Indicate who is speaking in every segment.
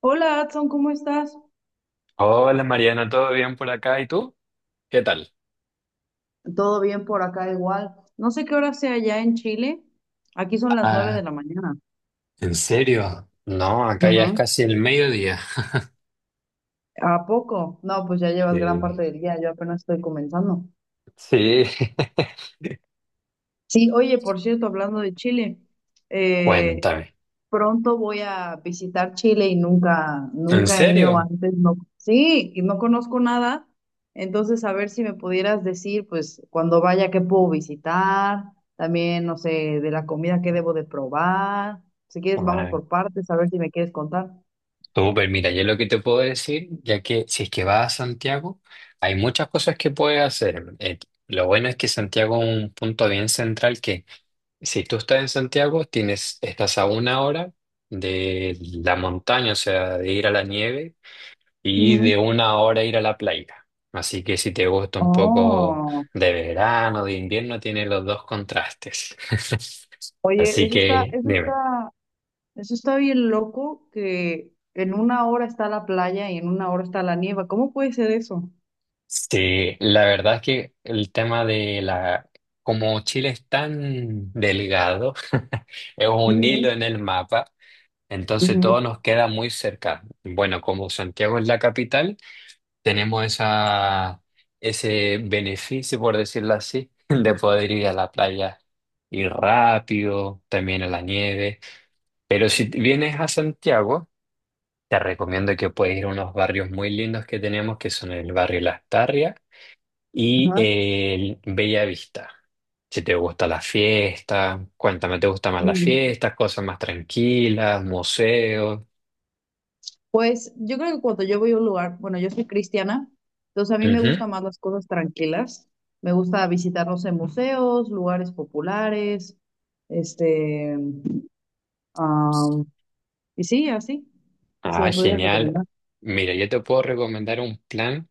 Speaker 1: Hola, Adson, ¿cómo estás?
Speaker 2: Hola Mariana, ¿todo bien por acá? ¿Y tú? ¿Qué tal?
Speaker 1: Todo bien por acá igual. No sé qué hora sea allá en Chile. Aquí son las 9 de
Speaker 2: Ah,
Speaker 1: la mañana.
Speaker 2: ¿en serio? No, acá ya
Speaker 1: Ajá.
Speaker 2: es casi el mediodía.
Speaker 1: ¿A poco? No, pues ya llevas gran
Speaker 2: Eh,
Speaker 1: parte del día, yo apenas estoy comenzando.
Speaker 2: Sí.
Speaker 1: Sí, oye, por cierto, hablando de Chile, eh,
Speaker 2: Cuéntame.
Speaker 1: pronto voy a visitar Chile y nunca,
Speaker 2: ¿En
Speaker 1: nunca he ido
Speaker 2: serio?
Speaker 1: antes. No, sí, y no conozco nada. Entonces, a ver si me pudieras decir, pues, cuando vaya, qué puedo visitar, también, no sé, de la comida, qué debo de probar. Si quieres, vamos
Speaker 2: Ah,
Speaker 1: por partes, a ver si me quieres contar.
Speaker 2: Súper, mira, yo lo que te puedo decir, ya que si es que vas a Santiago, hay muchas cosas que puedes hacer. Lo bueno es que Santiago es un punto bien central que si tú estás en Santiago, estás a una hora de la montaña, o sea, de ir a la nieve y
Speaker 1: Ujú.
Speaker 2: de una hora ir a la playa. Así que si te gusta un poco
Speaker 1: Oh,
Speaker 2: de verano, de invierno, tiene los dos contrastes.
Speaker 1: oye,
Speaker 2: Así que dime.
Speaker 1: eso está bien loco que en una hora está la playa y en una hora está la nieva. ¿Cómo puede ser eso?
Speaker 2: Sí, la verdad es que el tema de la... Como Chile es tan delgado, es un
Speaker 1: Ujú,
Speaker 2: hilo en el mapa, entonces
Speaker 1: ujú,
Speaker 2: todo nos queda muy cerca. Bueno, como Santiago es la capital, tenemos esa, ese beneficio, por decirlo así, de poder ir a la playa y rápido, también a la nieve. Pero si vienes a Santiago, te recomiendo que puedes ir a unos barrios muy lindos que tenemos, que son el barrio Las Tarrias y
Speaker 1: ajá,
Speaker 2: el Bella Vista. Si te gusta la fiesta, cuéntame, ¿te gusta más las
Speaker 1: ujú.
Speaker 2: fiestas, cosas más tranquilas, museos?
Speaker 1: Pues yo creo que cuando yo voy a un lugar, bueno, yo soy cristiana, entonces a mí me
Speaker 2: Ujú.
Speaker 1: gustan más las cosas tranquilas. Me gusta visitar, no sé, museos, lugares populares, este, am, y sí, así, si
Speaker 2: Ah,
Speaker 1: me pudieras
Speaker 2: genial.
Speaker 1: recomendar.
Speaker 2: Mira, yo te puedo recomendar un plan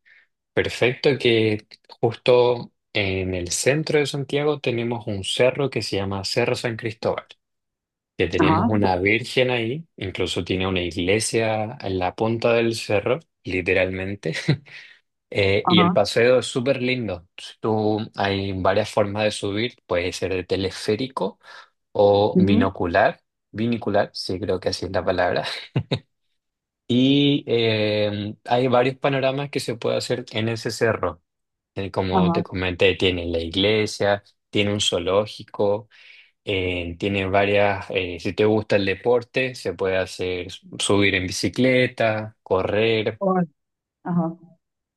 Speaker 2: perfecto, que justo en el centro de Santiago tenemos un cerro que se llama Cerro San Cristóbal, que
Speaker 1: Ajá,
Speaker 2: tenemos una virgen ahí, incluso tiene una iglesia en la punta del cerro, literalmente. Y el
Speaker 1: ajá,
Speaker 2: paseo es súper lindo. Si Tú, hay varias formas de subir, puede ser de teleférico o
Speaker 1: ujú,
Speaker 2: binocular. Binicular, sí, creo que así es la palabra. Y hay varios panoramas que se puede hacer en ese cerro como te
Speaker 1: ajá,
Speaker 2: comenté, tiene la iglesia, tiene un zoológico, tiene varias, si te gusta el deporte, se puede hacer subir en bicicleta, correr.
Speaker 1: órale, ajá.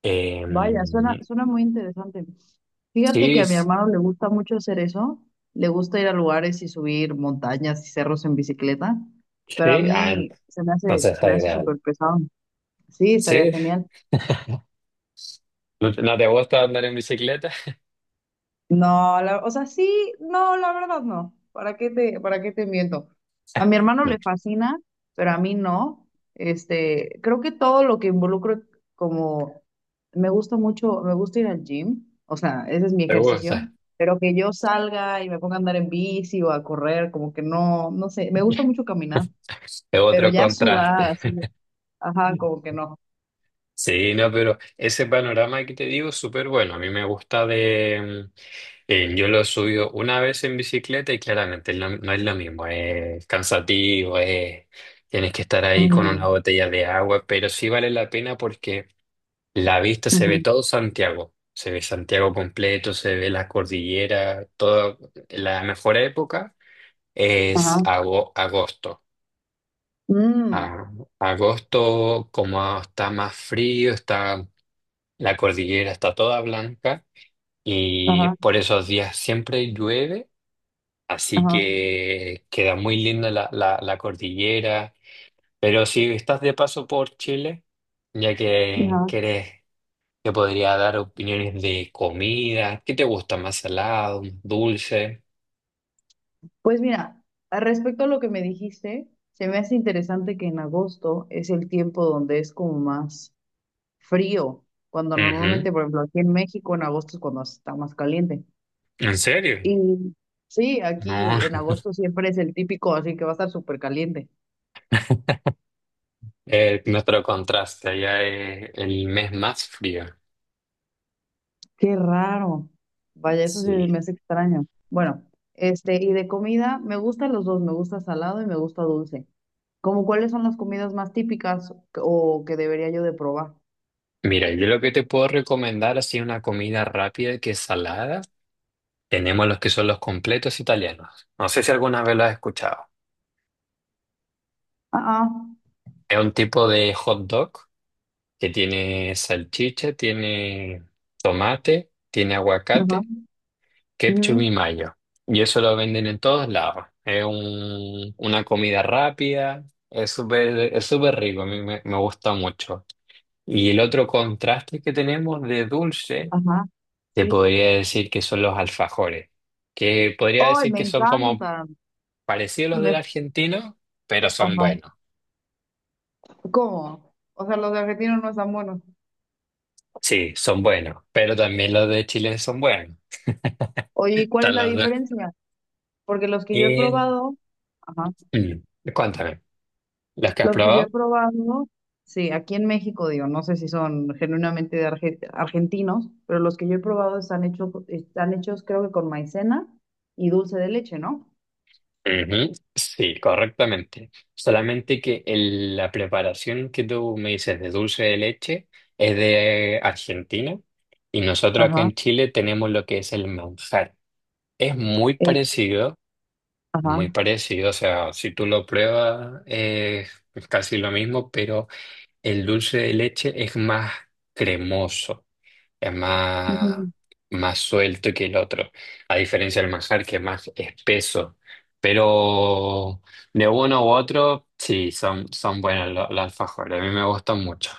Speaker 2: eh,
Speaker 1: Vaya, suena muy interesante. Fíjate que
Speaker 2: sí,
Speaker 1: a mi
Speaker 2: s-
Speaker 1: hermano le gusta mucho hacer eso, le gusta ir a lugares y subir montañas y cerros en bicicleta, pero a
Speaker 2: sí, ah,
Speaker 1: mí
Speaker 2: entonces
Speaker 1: se
Speaker 2: está
Speaker 1: me hace
Speaker 2: ideal.
Speaker 1: súper pesado. Sí, estaría
Speaker 2: ¿Sí?
Speaker 1: genial.
Speaker 2: No te gusta andar en bicicleta?
Speaker 1: No, o sea, sí, no, la verdad no. Para qué te miento? A mi hermano le fascina, pero a mí no. Este, creo que todo lo que involucro como me gusta mucho, me gusta ir al gym, o sea, ese es mi
Speaker 2: ¿Te
Speaker 1: ejercicio,
Speaker 2: gusta?
Speaker 1: pero que yo salga y me ponga a andar en bici o a correr, como que no, no sé, me gusta mucho caminar,
Speaker 2: Es
Speaker 1: pero
Speaker 2: otro
Speaker 1: ya sudar
Speaker 2: contraste.
Speaker 1: así, ajá, como que no.
Speaker 2: Sí, no, pero ese panorama que te digo es súper bueno. A mí me gusta yo lo he subido una vez en bicicleta y claramente no, no es lo mismo, es cansativo, tienes que estar ahí con
Speaker 1: Ujú,
Speaker 2: una botella de agua, pero sí vale la pena porque la vista se ve
Speaker 1: ujú,
Speaker 2: todo Santiago, se ve Santiago completo, se ve las cordilleras, toda la mejor época es
Speaker 1: ajá,
Speaker 2: agosto.
Speaker 1: mm,
Speaker 2: A- Agosto, como está más frío, está, la cordillera está toda blanca y
Speaker 1: ajá,
Speaker 2: por esos días siempre llueve. Así
Speaker 1: ajá,
Speaker 2: que queda muy linda la cordillera. Pero si estás de paso por Chile, ya que
Speaker 1: ajá.
Speaker 2: querés, te podría dar opiniones de comida. ¿Qué te gusta? ¿Más salado? ¿Más dulce?
Speaker 1: Pues mira, respecto a lo que me dijiste, se me hace interesante que en agosto es el tiempo donde es como más frío, cuando
Speaker 2: Ujú.
Speaker 1: normalmente, por ejemplo, aquí en México en agosto es cuando está más caliente.
Speaker 2: ¿En serio?
Speaker 1: Y sí,
Speaker 2: No.
Speaker 1: aquí en agosto siempre es el típico, así que va a estar súper caliente.
Speaker 2: Nuestro contraste allá es el mes más frío.
Speaker 1: Qué raro. Vaya, eso sí me
Speaker 2: Sí.
Speaker 1: hace extraño. Bueno, este, y de comida, me gustan los dos, me gusta salado y me gusta dulce. ¿Cómo cuáles son las comidas más típicas o que debería yo de probar?
Speaker 2: Mira, yo lo que te puedo recomendar así una comida rápida que es salada. Tenemos los que son los completos italianos. No sé si alguna vez lo has escuchado.
Speaker 1: Ah, ah.
Speaker 2: Es un tipo de hot dog que tiene salchicha, tiene tomate, tiene
Speaker 1: Ajá,
Speaker 2: aguacate, ketchup
Speaker 1: ujú,
Speaker 2: y mayo. Y eso lo venden en todos lados. Una comida rápida, es súper rico, a mí me gusta mucho. Y el otro contraste que tenemos de dulce,
Speaker 1: ajá,
Speaker 2: te
Speaker 1: sí.
Speaker 2: podría decir que son los alfajores, que podría
Speaker 1: ¡Ay,
Speaker 2: decir
Speaker 1: me
Speaker 2: que son como
Speaker 1: encantan!
Speaker 2: parecidos a los
Speaker 1: Me,
Speaker 2: del argentino, pero son
Speaker 1: ajá.
Speaker 2: buenos.
Speaker 1: ¿Cómo? O sea, ¿los de argentinos no están buenos?
Speaker 2: Sí, son buenos, pero también los de Chile son buenos.
Speaker 1: Oye, ¿y cuál es la
Speaker 2: Taladrar.
Speaker 1: diferencia? Porque los que yo he
Speaker 2: Eh,
Speaker 1: probado, ajá,
Speaker 2: cuéntame, ¿las que has
Speaker 1: los que yo
Speaker 2: probado?
Speaker 1: he probado, sí, aquí en México, digo, no sé si son genuinamente de argentinos, pero los que yo he probado están hechos creo que con maicena y dulce de leche, ¿no?
Speaker 2: Ujú, sí, correctamente. Solamente que la preparación que tú me dices de dulce de leche es de Argentina y nosotros acá
Speaker 1: Ajá,
Speaker 2: en Chile tenemos lo que es el manjar. Es
Speaker 1: el, ajá.
Speaker 2: muy parecido, o sea, si tú lo pruebas es casi lo mismo, pero el dulce de leche es más cremoso. Es más, más suelto que el otro, a diferencia del manjar que es más espeso. Pero de uno u otro, sí, son, son buenos los alfajores, a mí me gustan mucho.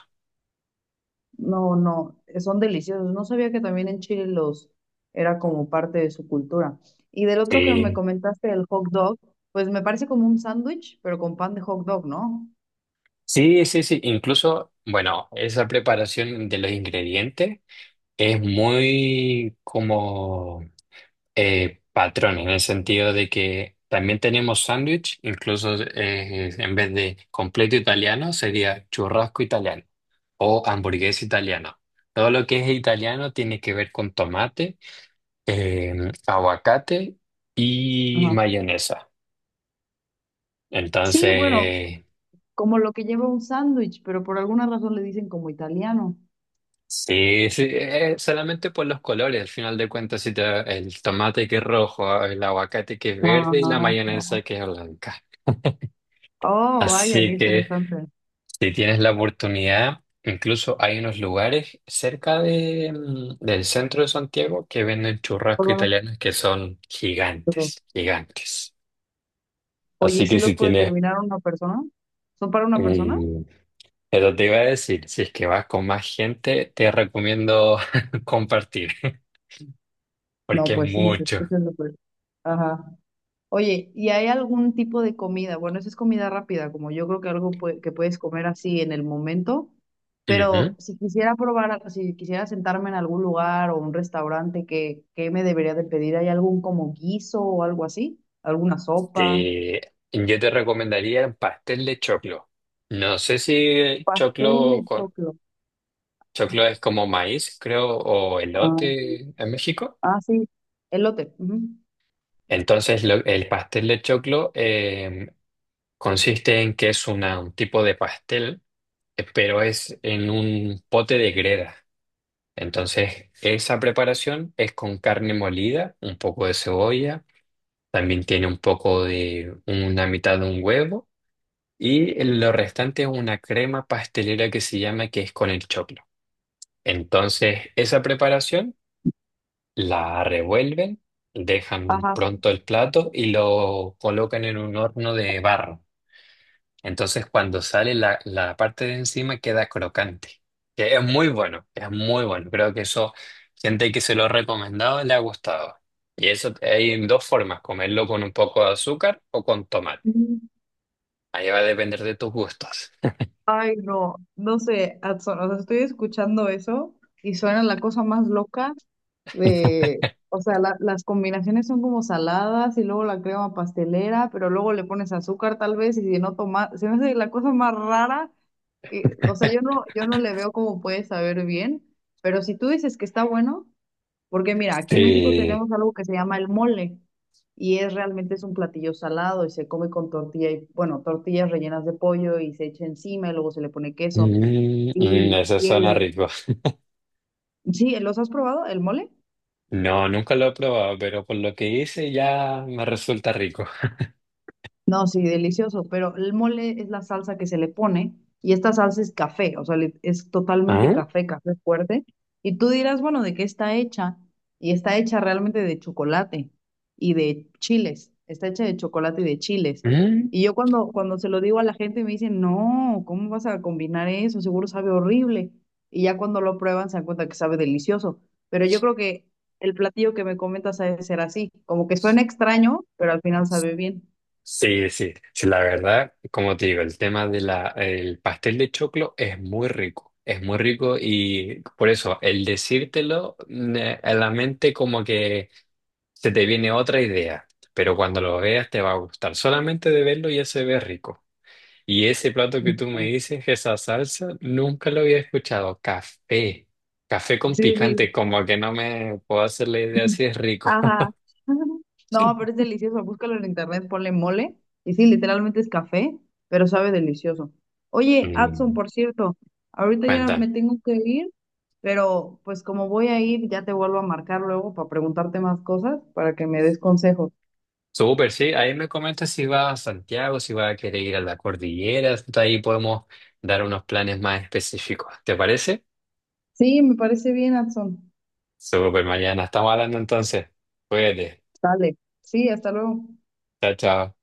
Speaker 1: No, no, son deliciosos. No sabía que también en Chile los era como parte de su cultura. Y del otro que me
Speaker 2: Sí,
Speaker 1: comentaste, el hot dog, pues me parece como un sándwich, pero con pan de hot dog, ¿no?
Speaker 2: sí, sí, sí, incluso, bueno, esa preparación de los ingredientes es muy como... patrón, en el sentido de que también tenemos sándwich, incluso en vez de completo italiano sería churrasco italiano o hamburguesa italiana. Todo lo que es italiano tiene que ver con tomate, eh, aguacate y
Speaker 1: Ajá.
Speaker 2: mayonesa.
Speaker 1: Sí, bueno,
Speaker 2: Entonces,
Speaker 1: como lo que lleva un sándwich, pero por alguna razón le dicen como italiano.
Speaker 2: sí, sí, solamente por los colores, al final de cuentas, si el tomate que es rojo, el aguacate que es verde y la
Speaker 1: Ah,
Speaker 2: mayonesa que es blanca.
Speaker 1: oh, vaya, qué
Speaker 2: Así que
Speaker 1: interesante.
Speaker 2: si tienes la oportunidad, incluso hay unos lugares cerca de, del centro de Santiago que venden churrasco
Speaker 1: Todo
Speaker 2: italianos que son
Speaker 1: esto.
Speaker 2: gigantes, gigantes.
Speaker 1: Oye, ¿y
Speaker 2: Así
Speaker 1: si
Speaker 2: que si
Speaker 1: los puede
Speaker 2: tienes,
Speaker 1: terminar una persona? ¿Son para una persona?
Speaker 2: mm, pero te iba a decir, si es que vas con más gente, te recomiendo compartir,
Speaker 1: No,
Speaker 2: porque es
Speaker 1: pues sí, se
Speaker 2: mucho.
Speaker 1: escucha súper. Ajá. Oye, ¿y hay algún tipo de comida? Bueno, esa es comida rápida, como yo creo que algo que puedes comer así en el momento,
Speaker 2: Ujú.
Speaker 1: pero si quisiera probar, si quisiera sentarme en algún lugar o un restaurante, qué me debería de pedir? ¿Hay algún como guiso o algo así? ¿Alguna sopa?
Speaker 2: Yo te recomendaría el pastel de choclo. No sé si
Speaker 1: Pastel
Speaker 2: choclo
Speaker 1: de
Speaker 2: con...
Speaker 1: choclo.
Speaker 2: Choclo es como maíz, creo, o
Speaker 1: Ah,
Speaker 2: elote en México.
Speaker 1: ah, sí, elote. Ujú.
Speaker 2: Entonces, el pastel de choclo consiste en que es un tipo de pastel, pero es en un pote de greda. Entonces, esa preparación es con carne molida, un poco de cebolla, también tiene un poco de una mitad de un huevo y lo restante es una crema pastelera que se llama que es con el choclo. Entonces, esa preparación la revuelven, dejan
Speaker 1: Ajá.
Speaker 2: pronto el plato y lo colocan en un horno de barro. Entonces cuando sale la, la parte de encima queda crocante. Que es muy bueno, es muy bueno. Creo que eso, gente que se lo ha recomendado le ha gustado. Y eso hay dos formas, comerlo con un poco de azúcar o con tomate.
Speaker 1: Mm.
Speaker 2: Ahí va a depender de tus gustos.
Speaker 1: Ay, no, no sé, Adson, o sea, estoy escuchando eso y suena la cosa más loca de, o sea, las combinaciones son como saladas y luego la crema pastelera, pero luego le pones azúcar tal vez y si no toma, se me hace la cosa más rara que, o sea, yo no le veo cómo puede saber bien, pero si tú dices que está bueno, porque mira, aquí en México
Speaker 2: Sí.
Speaker 1: tenemos algo que se llama el mole y es realmente es un platillo salado y se come con tortilla y, bueno, tortillas rellenas de pollo y se echa encima y luego se le pone queso.
Speaker 2: Mm, mm,
Speaker 1: Y,
Speaker 2: eso
Speaker 1: y
Speaker 2: suena
Speaker 1: el,
Speaker 2: rico.
Speaker 1: sí, ¿los has probado? ¿El mole?
Speaker 2: No, nunca lo he probado, pero por lo que hice ya me resulta rico.
Speaker 1: No, sí, delicioso, pero el mole es la salsa que se le pone y esta salsa es café, o sea, es totalmente
Speaker 2: Ah.
Speaker 1: café, café fuerte. Y tú dirás, bueno, ¿de qué está hecha? Y está hecha realmente de chocolate y de chiles, está hecha de chocolate y de chiles.
Speaker 2: Mm.
Speaker 1: Y yo cuando se lo digo a la gente me dicen, no, ¿cómo vas a combinar eso? Seguro sabe horrible. Y ya cuando lo prueban se dan cuenta que sabe delicioso. Pero yo creo que el platillo que me comentas ha de ser así, como que suena extraño, pero al final sabe bien.
Speaker 2: Sí, sí, sí, la verdad, como te digo, el tema de el pastel de choclo es muy rico y por eso el decírtelo a la mente como que se te viene otra idea, pero cuando lo veas te va a gustar, solamente de verlo ya se ve rico. Y ese plato que
Speaker 1: Sí,
Speaker 2: tú me dices, esa salsa, nunca lo había escuchado, café, café con
Speaker 1: sí,
Speaker 2: picante, como que no me puedo hacer la idea
Speaker 1: sí.
Speaker 2: si es rico.
Speaker 1: Ajá. No, pero es delicioso. Búscalo en internet, ponle mole. Y sí, literalmente es café, pero sabe delicioso. Oye, Adson,
Speaker 2: Mm.
Speaker 1: por cierto, ahorita ya
Speaker 2: Cuéntame.
Speaker 1: me tengo que ir, pero pues como voy a ir, ya te vuelvo a marcar luego para preguntarte más cosas, para que me des consejos.
Speaker 2: Súper, sí. Ahí me comentas si vas a Santiago, si vas a querer ir a la cordillera. Entonces ahí podemos dar unos planes más específicos. ¿Te parece?
Speaker 1: Sí, me parece bien, Adson.
Speaker 2: Súper, Mariana. Estamos hablando entonces. Cuídate.
Speaker 1: Dale. Sí, hasta luego.
Speaker 2: Chao, chao.